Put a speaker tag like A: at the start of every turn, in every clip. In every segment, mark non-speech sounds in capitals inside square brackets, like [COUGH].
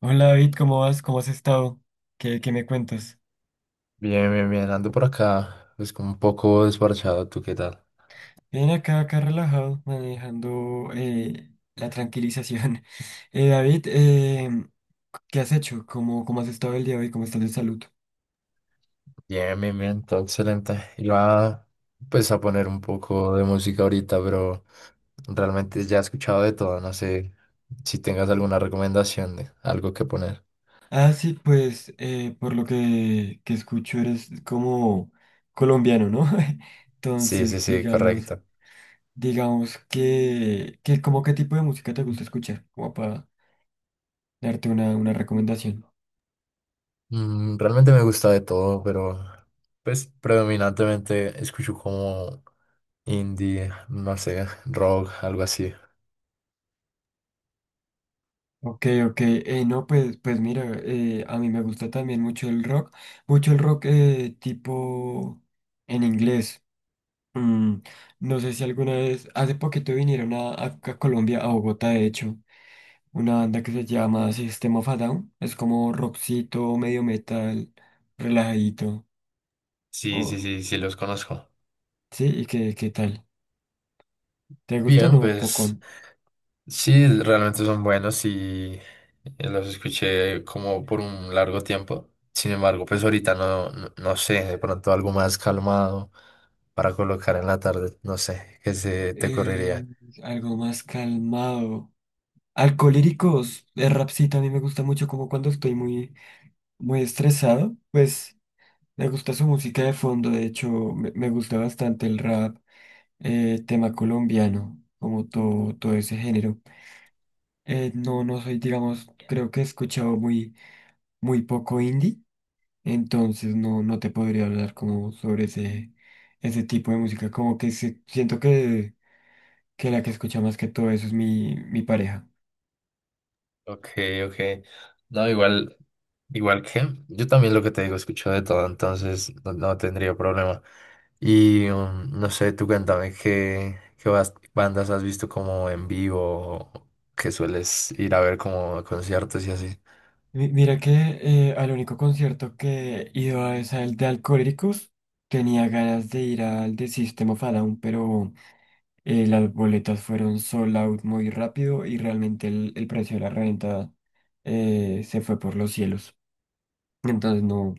A: Hola David, ¿cómo vas? ¿Cómo has estado? Qué, qué me cuentas?
B: Bien, bien, bien, ando por acá, pues como un poco desparchado, ¿tú qué tal?
A: Bien, acá, acá relajado, manejando la tranquilización. [LAUGHS] David, ¿qué has hecho? ¿Cómo has estado el día de hoy? ¿Cómo estás de salud?
B: Bien, bien, bien, todo excelente. Iba pues a poner un poco de música ahorita, pero realmente ya he escuchado de todo, no sé si tengas alguna recomendación de algo que poner.
A: Ah, sí, pues por lo que escucho eres como colombiano, ¿no? [LAUGHS]
B: Sí, sí,
A: Entonces,
B: sí,
A: digamos,
B: correcto.
A: digamos que como qué tipo de música te gusta escuchar, como para darte una recomendación.
B: Mm, realmente me gusta de todo, pero pues predominantemente escucho como indie, no sé, rock, algo así.
A: Ok, ok, no, pues mira, a mí me gusta también mucho el rock tipo en inglés. Mm, no sé si alguna vez, hace poquito vinieron a Colombia, a Bogotá, de hecho, una banda que se llama System of a Down, es como rockcito, medio metal, relajadito,
B: Sí, sí,
A: o
B: sí, sí, los conozco.
A: sí, ¿y qué tal? ¿Te gusta o
B: Bien,
A: no,
B: pues...
A: Pocón?
B: Sí, realmente son buenos y los escuché como por un largo tiempo. Sin embargo, pues ahorita no sé, de pronto algo más calmado para colocar en la tarde, no sé, qué se te
A: Eh,
B: ocurriría.
A: algo más calmado. Alcolíricos, el rapcito a mí me gusta mucho como cuando estoy muy muy estresado, pues me gusta su música de fondo, de hecho me gusta bastante el rap, tema colombiano, como todo, todo ese género. No soy, digamos, creo que he escuchado muy, muy poco indie, entonces no te podría hablar como sobre ese tipo de música, como que siento que la que escucha más que todo eso es mi pareja.
B: Ok, ok. No, igual, igual que yo también lo que te digo, escucho de todo, entonces no, no tendría problema. Y no sé, tú cuéntame qué, bandas has visto como en vivo, o que sueles ir a ver como a conciertos y así.
A: Mira que al único concierto que he ido a es al de Alcohólicos. Tenía ganas de ir al de System of a Down, pero las boletas fueron sold out muy rápido y realmente el precio de la reventa se fue por los cielos. Entonces no,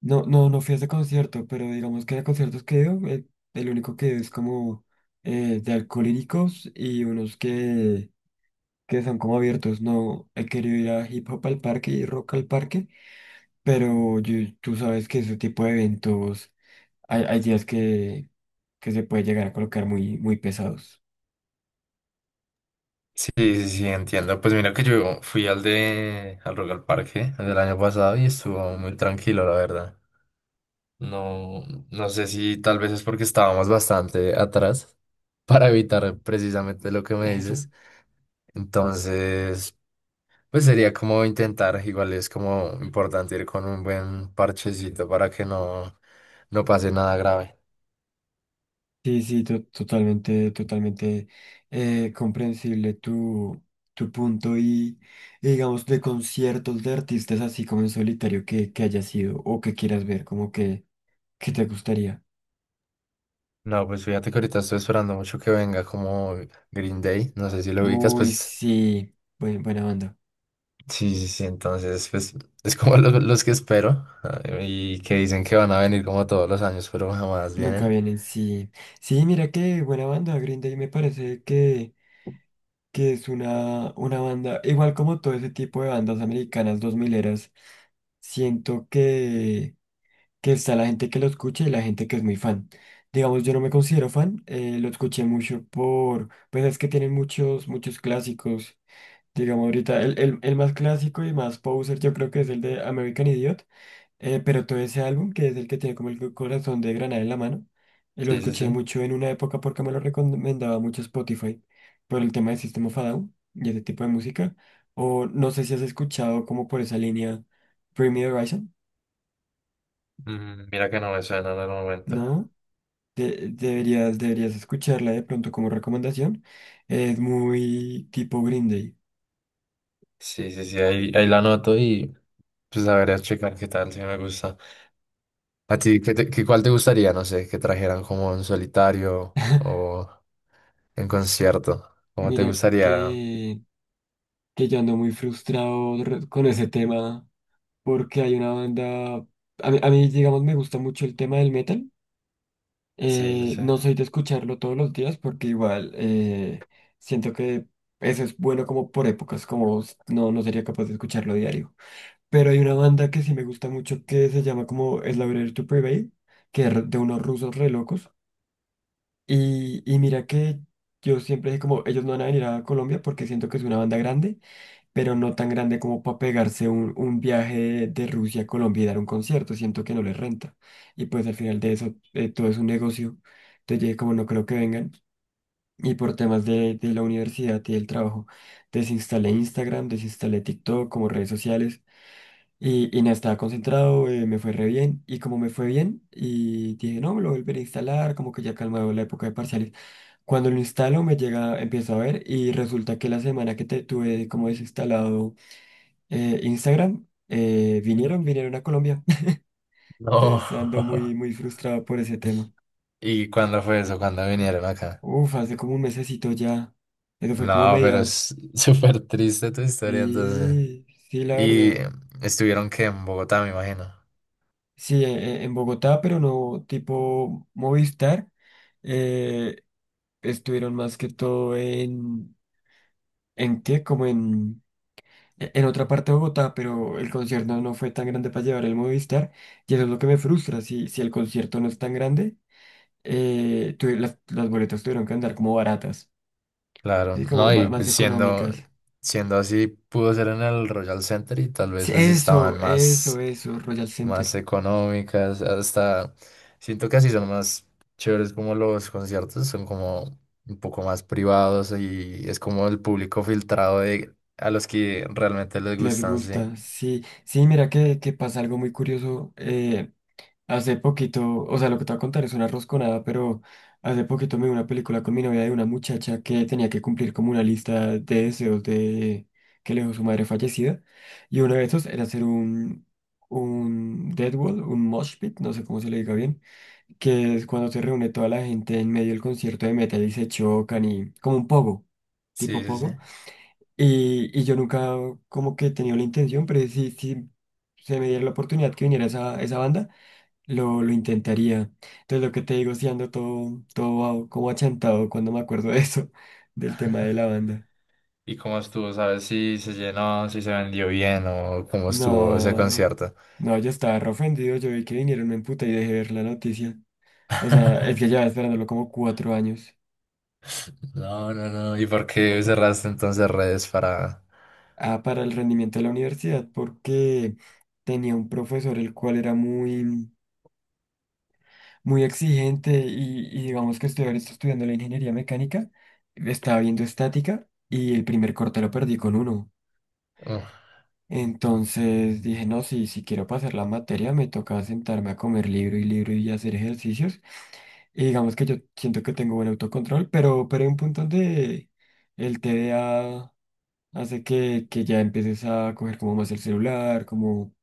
A: no, no, no fui a ese concierto, pero digamos que de conciertos que he ido, el único que he ido es como de Alcohólicos y unos que son como abiertos. No he querido ir a Hip Hop al Parque y Rock al Parque. Pero tú sabes que ese tipo de eventos, hay días que se puede llegar a colocar muy, muy pesados.
B: Sí, sí, sí, entiendo. Pues mira que yo fui al de al Rock al Parque el año pasado y estuvo muy tranquilo, la verdad. No, no sé si tal vez es porque estábamos bastante atrás [LAUGHS] para evitar precisamente lo que me
A: Eso.
B: dices. Entonces, pues sería como intentar, igual es como importante ir con un buen parchecito para que no pase nada grave.
A: Sí, sí, totalmente, totalmente comprensible tu punto y digamos de conciertos de artistas así como en solitario que hayas sido o que quieras ver, como que te gustaría.
B: No, pues fíjate que ahorita estoy esperando mucho que venga como Green Day. No sé si lo ubicas,
A: Uy,
B: pues
A: sí, buena banda.
B: sí, sí, sí, entonces pues es como los que espero ah, y que dicen que van a venir como todos los años, pero jamás
A: Nunca
B: vienen.
A: vienen, sí. Sí, mira que buena banda, Green Day me parece que es una banda, igual como todo ese tipo de bandas americanas dos mileras, siento que está la gente que lo escucha y la gente que es muy fan. Digamos, yo no me considero fan, lo escuché mucho por, pues es que tienen muchos, muchos clásicos. Digamos, ahorita el más clásico y más poser yo creo que es el de American Idiot. Pero todo ese álbum, que es el que tiene como el corazón de granada en la mano, lo
B: Sí, sí, sí.
A: escuché mucho en una época porque me lo recomendaba mucho Spotify por el tema de System of a Down y ese tipo de música. O no sé si has escuchado como por esa línea Bring Me the Horizon,
B: Mm, mira que no me suena en el momento.
A: ¿no? Deberías escucharla de pronto como recomendación. Es muy tipo Green Day.
B: Sí, sí, sí, ahí, ahí la anoto y pues a ver, a checar qué tal, si me gusta. ¿A ti qué, cuál te gustaría, no sé, que trajeran como en solitario
A: [LAUGHS]
B: o en concierto? ¿Cómo te
A: Mira
B: gustaría?
A: que yo ando muy frustrado con ese tema porque hay una banda, a mí, digamos, me gusta mucho el tema del metal.
B: Sí, sí, sí.
A: No soy de escucharlo todos los días porque igual siento que eso es bueno como por épocas, como no sería capaz de escucharlo diario. Pero hay una banda que sí me gusta mucho que se llama como Slavery to Prevail, que es de unos rusos re locos. Y mira que yo siempre dije como ellos no van a venir a Colombia porque siento que es una banda grande pero no tan grande como para pegarse un viaje de Rusia a Colombia y dar un concierto. Siento que no les renta. Y pues al final de eso, todo es un negocio. Entonces yo dije, como no creo que vengan. Y por temas de la universidad y del trabajo, desinstalé Instagram, desinstalé TikTok como redes sociales. Y nada, estaba concentrado, me fue re bien. Y como me fue bien, y dije, no, me lo volveré a instalar, como que ya calmado la época de parciales. Cuando lo instalo, me llega, empiezo a ver, y resulta que la semana que te tuve como desinstalado Instagram, vinieron a Colombia. [LAUGHS]
B: No.
A: Entonces ando muy,
B: [LAUGHS]
A: muy frustrado por ese tema.
B: ¿Y cuándo fue eso? ¿Cuándo vinieron acá?
A: Uf, hace como un mesecito ya. Eso fue como a
B: No, pero
A: mediados.
B: es [LAUGHS] súper triste tu historia, entonces.
A: Sí, sí, la
B: Y
A: verdad.
B: estuvieron que en Bogotá, me imagino.
A: Sí, en Bogotá, pero no tipo Movistar. eh, estuvieron más que todo en... ¿En qué? Como en... En otra parte de Bogotá, pero el concierto no fue tan grande para llevar el Movistar. Y eso es lo que me frustra. Si el concierto no es tan grande. Las boletas tuvieron que andar como baratas,
B: Claro,
A: ¿sí? Como
B: no, y
A: más,
B: pues siendo,
A: económicas.
B: siendo así, pudo ser en el Royal Center y tal vez
A: Sí,
B: pues
A: Eso,
B: estaban
A: eso,
B: más,
A: eso, Royal
B: más
A: Center.
B: económicas, hasta siento que así son más chéveres como los conciertos, son como un poco más privados y es como el público filtrado de a los que realmente les
A: Les
B: gustan, sí.
A: gusta, sí, sí, mira que pasa algo muy curioso. Hace poquito, o sea, lo que te voy a contar es una rosconada, pero hace poquito me vi una película con mi novia de una muchacha que tenía que cumplir como una lista de deseos de que le dejó su madre fallecida. Y uno de esos era hacer un dead wall, un mosh pit, no sé cómo se le diga bien, que es cuando se reúne toda la gente en medio del concierto de metal y se chocan y como un pogo,
B: Sí,
A: tipo
B: sí, sí.
A: pogo. Y yo nunca como que he tenido la intención, pero si se me diera la oportunidad que viniera esa banda. Lo intentaría. Entonces, lo que te digo, si ando todo, todo como achantado cuando me acuerdo de eso, [LAUGHS] del tema de la banda.
B: ¿Y cómo estuvo? ¿Sabes si se llenó, si se vendió bien o cómo estuvo ese
A: No,
B: concierto?
A: no, yo estaba re ofendido. Yo vi que vinieron, me emputé y dejé de ver la noticia. O sea, es que llevaba esperándolo como 4 años.
B: [LAUGHS] No, no, no. ¿Y por qué cerraste entonces redes para...?
A: Ah, para el rendimiento de la universidad, porque tenía un profesor el cual era muy, muy exigente y digamos que estudiar esto estudiando la ingeniería mecánica, estaba viendo estática y el primer corte lo perdí con uno.
B: Uf,
A: Entonces dije, no, si quiero pasar la materia, me toca sentarme a comer libro y libro y hacer ejercicios. Y digamos que yo siento que tengo buen autocontrol, pero hay un punto donde el TDA hace que ya empieces a coger como más el celular, como,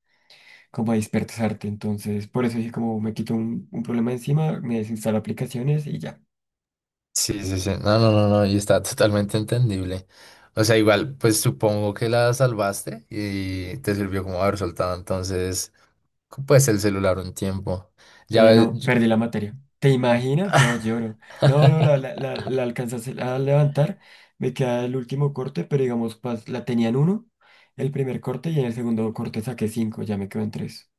A: como a dispersarte. Entonces, por eso dije, como me quito un problema encima, me desinstalo aplicaciones y ya.
B: sí, sí, sí. No, no, no, no. Y está totalmente entendible. O sea, igual, pues supongo que la salvaste y te sirvió como haber soltado entonces, pues el celular un tiempo. Ya ves...
A: No, perdí la materia. ¿Te imaginas? No, lloro. No, no, la, la,
B: [LAUGHS]
A: la, la alcanzas a levantar. Me queda el último corte, pero digamos, la tenían uno, el primer corte, y en el segundo corte saqué cinco, ya me quedo en tres.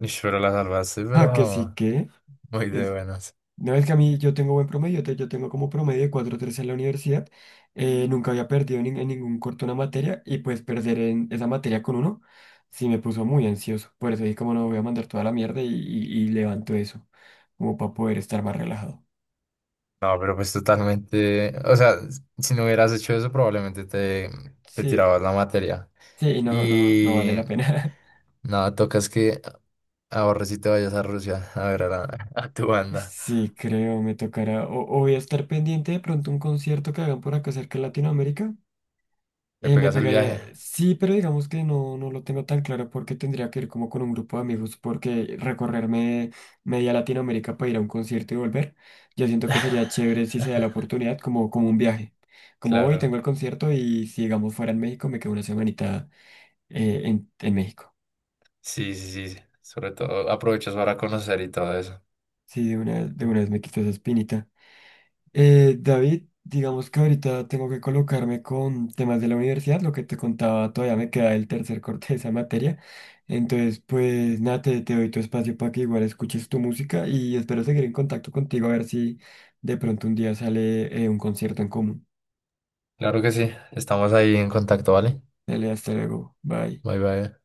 B: Ish, pero la salvaste,
A: Ah, que
B: pero
A: sí, que.
B: muy de buenas.
A: No es que a mí yo tengo buen promedio, yo tengo como promedio de cuatro tres en la universidad, nunca había perdido en ningún corto una materia y pues perder en esa materia con uno sí me puso muy ansioso, por eso dije como no voy a mandar toda la mierda y levanto eso, como para poder estar más relajado.
B: No, pero pues totalmente, o sea, si no hubieras hecho eso probablemente te
A: Sí,
B: tirabas la materia.
A: sí, y no, no, no
B: Y
A: vale la pena. [LAUGHS]
B: nada, tocas que ahorres y te vayas a Rusia a ver a, a tu banda.
A: Sí, creo, me tocará, o voy a estar pendiente de pronto un concierto que hagan por acá cerca en Latinoamérica.
B: Te
A: Me
B: pegas el viaje.
A: pegaría, sí, pero digamos que no lo tengo tan claro porque tendría que ir como con un grupo de amigos porque recorrerme media Latinoamérica para ir a un concierto y volver, yo siento que sería
B: [LAUGHS]
A: chévere si se da la oportunidad, como un viaje. Como hoy tengo
B: Claro,
A: el concierto y si digamos fuera en México, me quedo una semanita en México.
B: sí, sí, sí. Sí. Sobre todo aprovechas para conocer y todo eso.
A: Sí, de una vez me quito esa espinita. David, digamos que ahorita tengo que colocarme con temas de la universidad, lo que te contaba, todavía me queda el tercer corte de esa materia. Entonces, pues nada, te doy tu espacio para que igual escuches tu música y espero seguir en contacto contigo a ver si de pronto un día sale un concierto en común.
B: Claro que sí, estamos ahí en contacto, ¿vale?
A: Dale, hasta luego, bye.
B: Bye, bye.